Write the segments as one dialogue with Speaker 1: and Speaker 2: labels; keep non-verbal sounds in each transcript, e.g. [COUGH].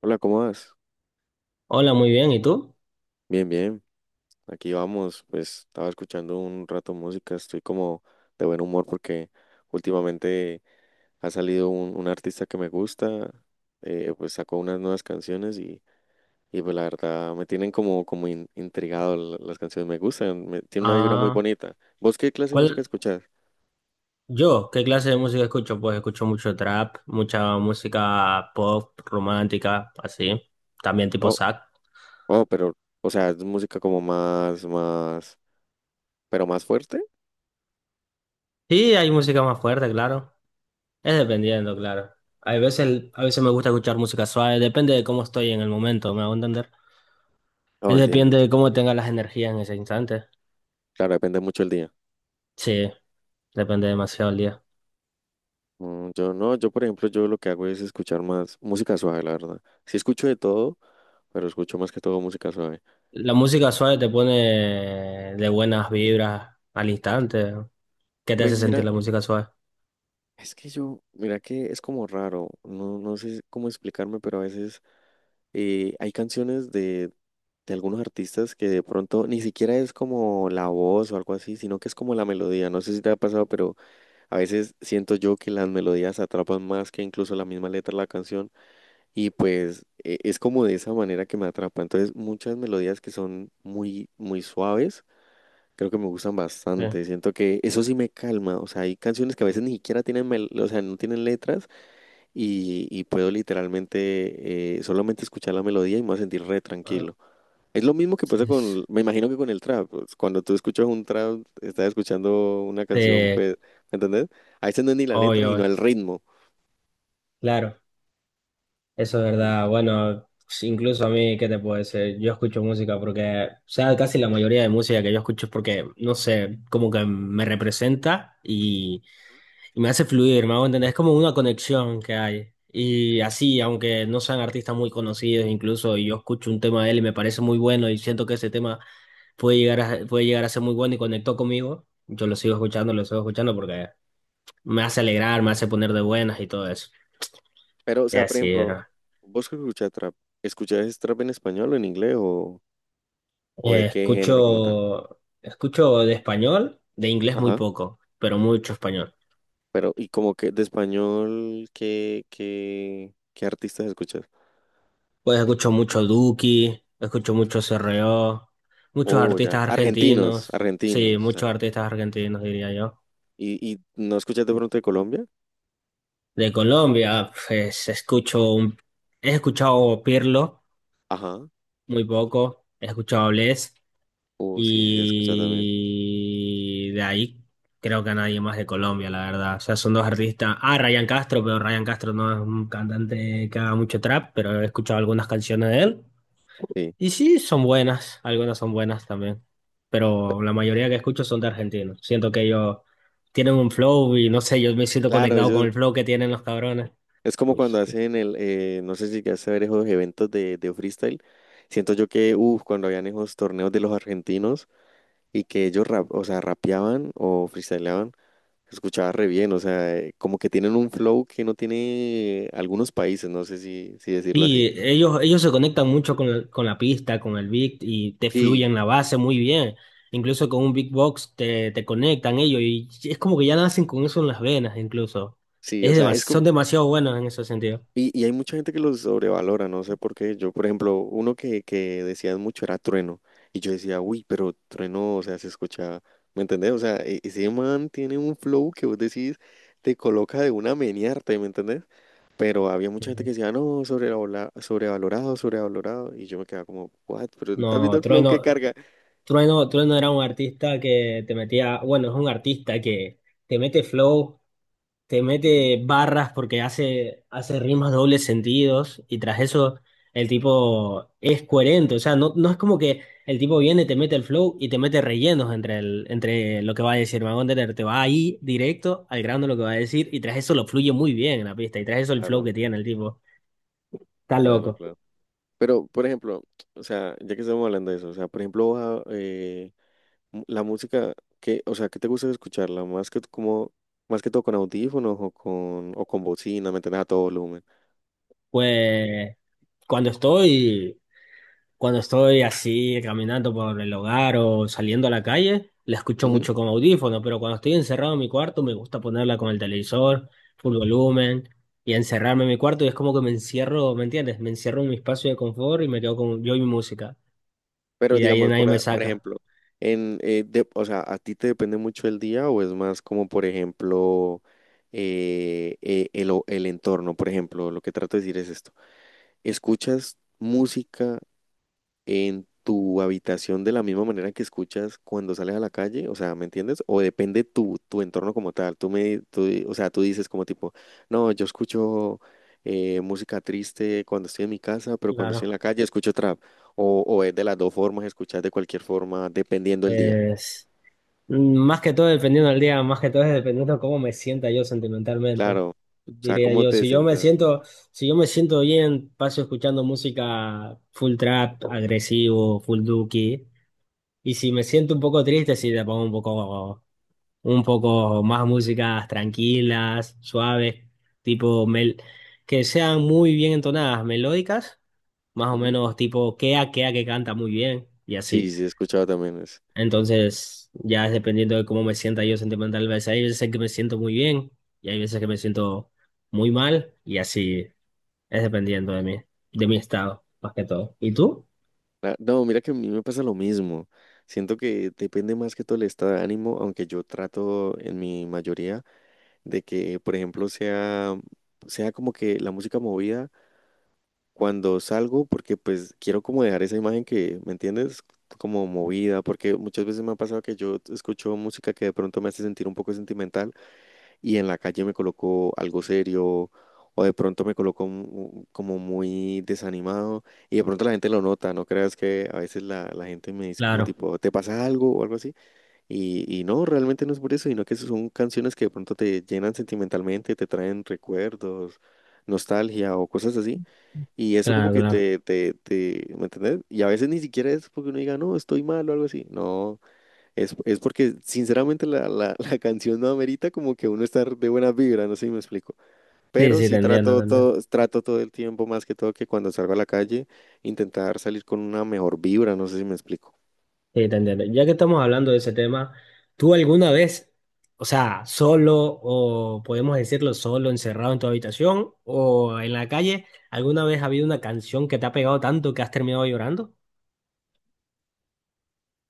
Speaker 1: Hola, ¿cómo vas?
Speaker 2: Hola, muy bien. ¿Y tú?
Speaker 1: Bien, bien. Aquí vamos. Pues estaba escuchando un rato música. Estoy como de buen humor porque últimamente ha salido un artista que me gusta. Pues sacó unas nuevas canciones y pues la verdad me tienen como, intrigado. Las canciones me gustan. Tiene una vibra muy
Speaker 2: Ah,
Speaker 1: bonita. ¿Vos qué clase de música
Speaker 2: ¿cuál?
Speaker 1: escuchás?
Speaker 2: Yo, ¿qué clase de música escucho? Pues escucho mucho trap, mucha música pop, romántica, así. También tipo
Speaker 1: Oh,
Speaker 2: sac.
Speaker 1: oh, pero, o sea, es música como pero más fuerte.
Speaker 2: Sí, hay música más fuerte, claro. Es dependiendo, claro. Hay veces, a veces me gusta escuchar música suave, depende de cómo estoy en el momento, ¿me hago entender?
Speaker 1: Oh,
Speaker 2: Es depende
Speaker 1: entiéndote.
Speaker 2: de cómo tenga las energías en ese instante.
Speaker 1: Claro, depende mucho el día.
Speaker 2: Sí, depende demasiado el día.
Speaker 1: Yo no, yo por ejemplo, yo lo que hago es escuchar más música suave, la verdad. Sí escucho de todo, pero escucho más que todo música suave.
Speaker 2: La música suave te pone de buenas vibras al instante. ¿Qué te hace
Speaker 1: Pues
Speaker 2: sentir
Speaker 1: mira,
Speaker 2: la música suave?
Speaker 1: es que yo, mira que es como raro, no, no sé cómo explicarme, pero a veces hay canciones de algunos artistas que de pronto ni siquiera es como la voz o algo así, sino que es como la melodía. No sé si te ha pasado, pero a veces siento yo que las melodías atrapan más que incluso la misma letra de la canción. Y pues es como de esa manera que me atrapa. Entonces, muchas melodías que son muy, muy suaves, creo que me gustan
Speaker 2: Sí.
Speaker 1: bastante. Siento que eso sí me calma. O sea, hay canciones que a veces ni siquiera tienen, o sea, no tienen letras y puedo literalmente solamente escuchar la melodía y me voy a sentir re
Speaker 2: Ah.
Speaker 1: tranquilo. Es lo mismo que pasa con, me imagino que con el trap. Pues, cuando tú escuchas un trap, estás escuchando una canción,
Speaker 2: Este,
Speaker 1: pues, ¿me entendés? A veces no es ni la letra,
Speaker 2: obvio,
Speaker 1: sino el ritmo.
Speaker 2: claro, eso es verdad. Bueno, si incluso a mí, ¿qué te puedo decir? Yo escucho música porque, o sea, casi la mayoría de música que yo escucho es porque, no sé, como que me representa y me hace fluir, me hago entender. Es como una conexión que hay. Y así, aunque no sean artistas muy conocidos, incluso y yo escucho un tema de él y me parece muy bueno y siento que ese tema puede llegar a ser muy bueno y conectó conmigo, yo lo sigo escuchando porque me hace alegrar, me hace poner de buenas y todo eso.
Speaker 1: Pero, o
Speaker 2: Y
Speaker 1: sea, por
Speaker 2: así
Speaker 1: ejemplo,
Speaker 2: era.
Speaker 1: vos que ¿escuchás trap en español o en inglés o de qué género como tal?
Speaker 2: Escucho, escucho de español, de inglés muy
Speaker 1: Ajá.
Speaker 2: poco, pero mucho español.
Speaker 1: Pero, y como que de español, ¿ qué artistas escuchas?
Speaker 2: Pues escucho mucho Duki, escucho mucho CRO, muchos
Speaker 1: Oh, ya.
Speaker 2: artistas
Speaker 1: Argentinos,
Speaker 2: argentinos, sí,
Speaker 1: argentinos. O sea.
Speaker 2: muchos artistas argentinos diría yo.
Speaker 1: Y no escuchas de pronto de Colombia?
Speaker 2: De Colombia, pues escucho un, he escuchado Pirlo
Speaker 1: Ajá.
Speaker 2: muy poco, he escuchado Bless,
Speaker 1: Oh, sí, sí, he escuchado también.
Speaker 2: y de ahí creo que a nadie más de Colombia, la verdad. O sea, son dos artistas. Ah, Ryan Castro, pero Ryan Castro no es un cantante que haga mucho trap, pero he escuchado algunas canciones de él.
Speaker 1: Sí.
Speaker 2: Y sí, son buenas, algunas son buenas también.
Speaker 1: Pe-
Speaker 2: Pero la mayoría que escucho son de argentinos. Siento que ellos tienen un flow y no sé, yo me siento
Speaker 1: claro,
Speaker 2: conectado
Speaker 1: ellos,
Speaker 2: con el flow que tienen los cabrones.
Speaker 1: es como
Speaker 2: Uy.
Speaker 1: cuando hacen el, no sé si llegaste a ver esos eventos de freestyle. Siento yo que, uff, cuando habían esos torneos de los argentinos. Y que ellos rap, o sea, rapeaban o freestyleaban, se escuchaba re bien, o sea, como que tienen un flow que no tiene algunos países, no sé si, si decirlo así.
Speaker 2: Y ellos se conectan mucho con, el- con la pista, con el beat y te
Speaker 1: Sí,
Speaker 2: fluyen la base muy bien. Incluso con un beatbox te, te conectan ellos y es como que ya nacen con eso en las venas incluso.
Speaker 1: sí, o
Speaker 2: Es
Speaker 1: sea,
Speaker 2: demas-
Speaker 1: es como,
Speaker 2: son demasiado buenos en ese sentido.
Speaker 1: y hay mucha gente que los sobrevalora, no sé por qué. Yo, por ejemplo, uno que decían mucho era Trueno, y yo decía, uy, pero Trueno, o sea, se escucha, ¿me entendés? O sea, e- ese man tiene un flow que vos decís, te coloca de una a menearte, ¿me entendés? Pero había mucha
Speaker 2: Sí,
Speaker 1: gente que
Speaker 2: sí.
Speaker 1: decía, no, sobrevalorado, sobrevalorado, sobrevalorado. Y yo me quedaba como, what? Pero no estás viendo
Speaker 2: No,
Speaker 1: el flow que
Speaker 2: Trueno,
Speaker 1: carga.
Speaker 2: Trueno era un artista que te metía, bueno, es un artista que te mete flow te
Speaker 1: Ujú.
Speaker 2: mete barras porque hace, hace rimas dobles sentidos y tras eso el tipo es coherente, o sea, no, no es como que el tipo viene, te mete el flow y te mete rellenos entre, el, entre lo que va a decir, me va entender, te va ahí directo al grano lo que va a decir y tras eso lo fluye muy bien en la pista y tras eso el flow
Speaker 1: Claro,
Speaker 2: que tiene el tipo, está
Speaker 1: claro,
Speaker 2: loco.
Speaker 1: claro. Pero, por ejemplo, o sea, ya que estamos hablando de eso, o sea, por ejemplo, va, la música que, o sea, ¿qué te gusta escucharla? Más que como, más que todo con audífonos o con bocina, ¿me entiendes? A todo volumen.
Speaker 2: Pues cuando estoy... Cuando estoy así caminando por el hogar o saliendo a la calle, la escucho mucho con audífono, pero cuando estoy encerrado en mi cuarto me gusta ponerla con el televisor, full volumen, y encerrarme en mi cuarto y es como que me encierro, ¿me entiendes? Me encierro en mi espacio de confort y me quedo con yo y mi música. Y
Speaker 1: Pero
Speaker 2: de ahí
Speaker 1: digamos,
Speaker 2: nadie
Speaker 1: por,
Speaker 2: me
Speaker 1: por
Speaker 2: saca.
Speaker 1: ejemplo, en, o sea, ¿a ti te depende mucho el día o es más como, por ejemplo, el, el entorno? Por ejemplo, lo que trato de decir es esto. ¿Escuchas música en tu habitación de la misma manera que escuchas cuando sales a la calle? O sea, ¿me entiendes? O depende tu entorno como tal, tú me, o sea, tú dices como tipo, no, yo escucho música triste cuando estoy en mi casa, pero cuando estoy en
Speaker 2: Claro.
Speaker 1: la calle escucho trap, o es de las dos formas, escuchas de cualquier forma, dependiendo el día,
Speaker 2: Eh, más que todo dependiendo del día, más que todo es dependiendo de cómo me sienta yo sentimentalmente,
Speaker 1: claro, o sea,
Speaker 2: diría
Speaker 1: ¿cómo
Speaker 2: yo.
Speaker 1: te
Speaker 2: Si yo me
Speaker 1: sientas?
Speaker 2: siento, si yo me siento bien, paso escuchando música full trap, agresivo, full duki. Y si me siento un poco triste, sí le pongo un poco más músicas tranquilas, suaves, tipo mel, que sean muy bien entonadas, melódicas, más o
Speaker 1: Ujú.
Speaker 2: menos tipo Kea Kea que canta muy bien y
Speaker 1: Sí,
Speaker 2: así.
Speaker 1: sí, he escuchado también eso.
Speaker 2: Entonces, ya es dependiendo de cómo me sienta yo sentimentalmente hay veces que me siento muy bien y hay veces que me siento muy mal y así es dependiendo de mí, de mi estado, más que todo. ¿Y tú?
Speaker 1: Ah, no, mira que a mí me pasa lo mismo. Siento que depende más que todo el estado de ánimo, aunque yo trato en mi mayoría de que, por ejemplo, sea, sea como que la música movida cuando salgo, porque pues quiero como dejar esa imagen que, ¿me entiendes? Como movida, porque muchas veces me ha pasado que yo escucho música que de pronto me hace sentir un poco sentimental y en la calle me coloco algo serio. O de pronto me coloco como muy desanimado y de pronto la gente lo nota, no creas que a veces la gente me dice como
Speaker 2: Claro,
Speaker 1: tipo, ¿te pasa algo o algo así? Y no, realmente no es por eso, sino que son canciones que de pronto te llenan sentimentalmente, te traen recuerdos, nostalgia o cosas así. Y eso como
Speaker 2: claro,
Speaker 1: que
Speaker 2: claro.
Speaker 1: ¿me entendés? Y a veces ni siquiera es porque uno diga, no, estoy mal o algo así. No, es porque sinceramente [LAUGHS] la canción no amerita como que uno estar de buena vibra, no sé si me explico.
Speaker 2: Sí,
Speaker 1: Pero
Speaker 2: sí, te
Speaker 1: sí
Speaker 2: entiendo, te entiendo.
Speaker 1: trato todo el tiempo, más que todo que cuando salgo a la calle, intentar salir con una mejor vibra, no sé si me explico.
Speaker 2: Sí, te entiendo. Ya que estamos hablando de ese tema, ¿tú alguna vez, o sea, solo o podemos decirlo solo, encerrado en tu habitación o en la calle, alguna vez ha habido una canción que te ha pegado tanto que has terminado llorando?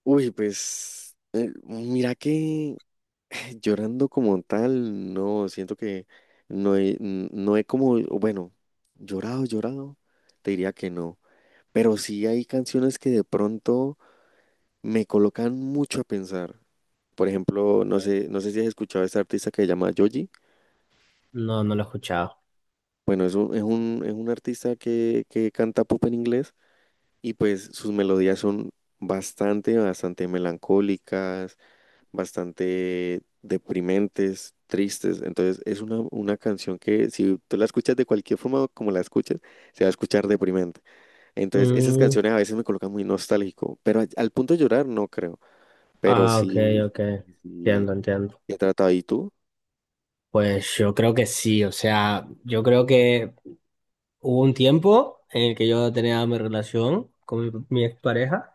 Speaker 1: Uy, pues mira que llorando como tal, no, siento que no he como, bueno, llorado, llorado, te diría que no, pero sí hay canciones que de pronto me colocan mucho a pensar. Por ejemplo, no sé, no sé si has escuchado a este artista que se llama Joji.
Speaker 2: No, no lo he escuchado.
Speaker 1: Bueno, es un artista que canta pop en inglés y pues sus melodías son bastante, bastante melancólicas, bastante deprimentes, tristes. Entonces es una canción que si tú la escuchas de cualquier forma como la escuches, se va a escuchar deprimente. Entonces esas
Speaker 2: Mm.
Speaker 1: canciones a veces me colocan muy nostálgico, pero a- al punto de llorar no creo, pero
Speaker 2: Ah, ok,
Speaker 1: sí,
Speaker 2: ok.
Speaker 1: sí, sí,
Speaker 2: Entiendo, entiendo.
Speaker 1: he tratado. ¿Y tú?
Speaker 2: Pues yo creo que sí, o sea, yo creo que hubo un tiempo en el que yo tenía mi relación con mi, mi expareja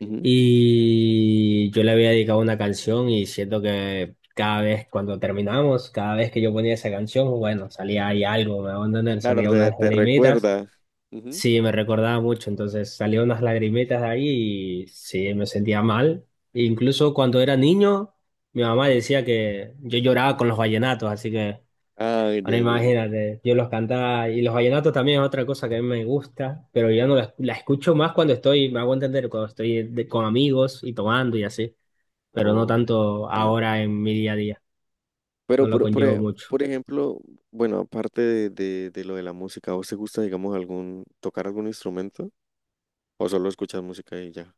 Speaker 1: Ujú.
Speaker 2: y yo le había dedicado una canción y siento que cada vez cuando terminamos, cada vez que yo ponía esa canción, bueno, salía ahí algo, me van a entender,
Speaker 1: Claro,
Speaker 2: salía unas
Speaker 1: te
Speaker 2: lagrimitas.
Speaker 1: recuerda. Ujú.
Speaker 2: Sí, me recordaba mucho, entonces salieron unas lagrimetas de ahí y sí, me sentía mal. E incluso cuando era niño, mi mamá decía que yo lloraba con los vallenatos, así que
Speaker 1: Ay,
Speaker 2: ahora
Speaker 1: de-
Speaker 2: imagínate, yo los cantaba y los vallenatos también es otra cosa que a mí me gusta, pero yo no la, la escucho más cuando estoy, me hago entender, cuando estoy de- con amigos y tomando y así, pero no
Speaker 1: oh,
Speaker 2: tanto
Speaker 1: entiendo.
Speaker 2: ahora en mi día a día,
Speaker 1: Pero
Speaker 2: no lo
Speaker 1: por,
Speaker 2: conllevo mucho.
Speaker 1: por ejemplo, bueno, aparte de lo de la música, ¿a vos te gusta, digamos, algún, tocar algún instrumento? O solo escuchas música y ya.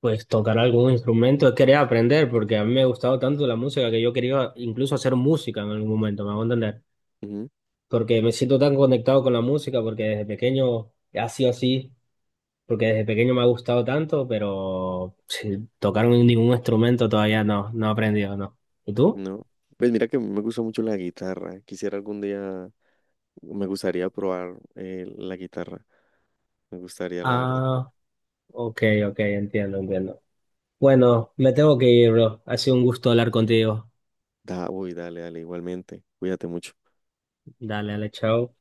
Speaker 2: Pues tocar algún instrumento, quería aprender, porque a mí me ha gustado tanto la música que yo quería incluso hacer música en algún momento, me hago entender.
Speaker 1: Ujú,
Speaker 2: Porque me siento tan conectado con la música, porque desde pequeño ha sido así, porque desde pequeño me ha gustado tanto, pero [LAUGHS] sí, tocar un- ningún instrumento todavía no, no he aprendido, no. ¿Y tú?
Speaker 1: no. Pues mira que me gusta mucho la guitarra. Quisiera algún día, me gustaría probar la guitarra. Me gustaría, la verdad.
Speaker 2: Ah, ok, ok, entiendo, entiendo. Bueno, me tengo que ir, bro. Ha sido un gusto hablar contigo.
Speaker 1: Da, uy, dale, dale, igualmente. Cuídate mucho.
Speaker 2: Dale, dale, chao.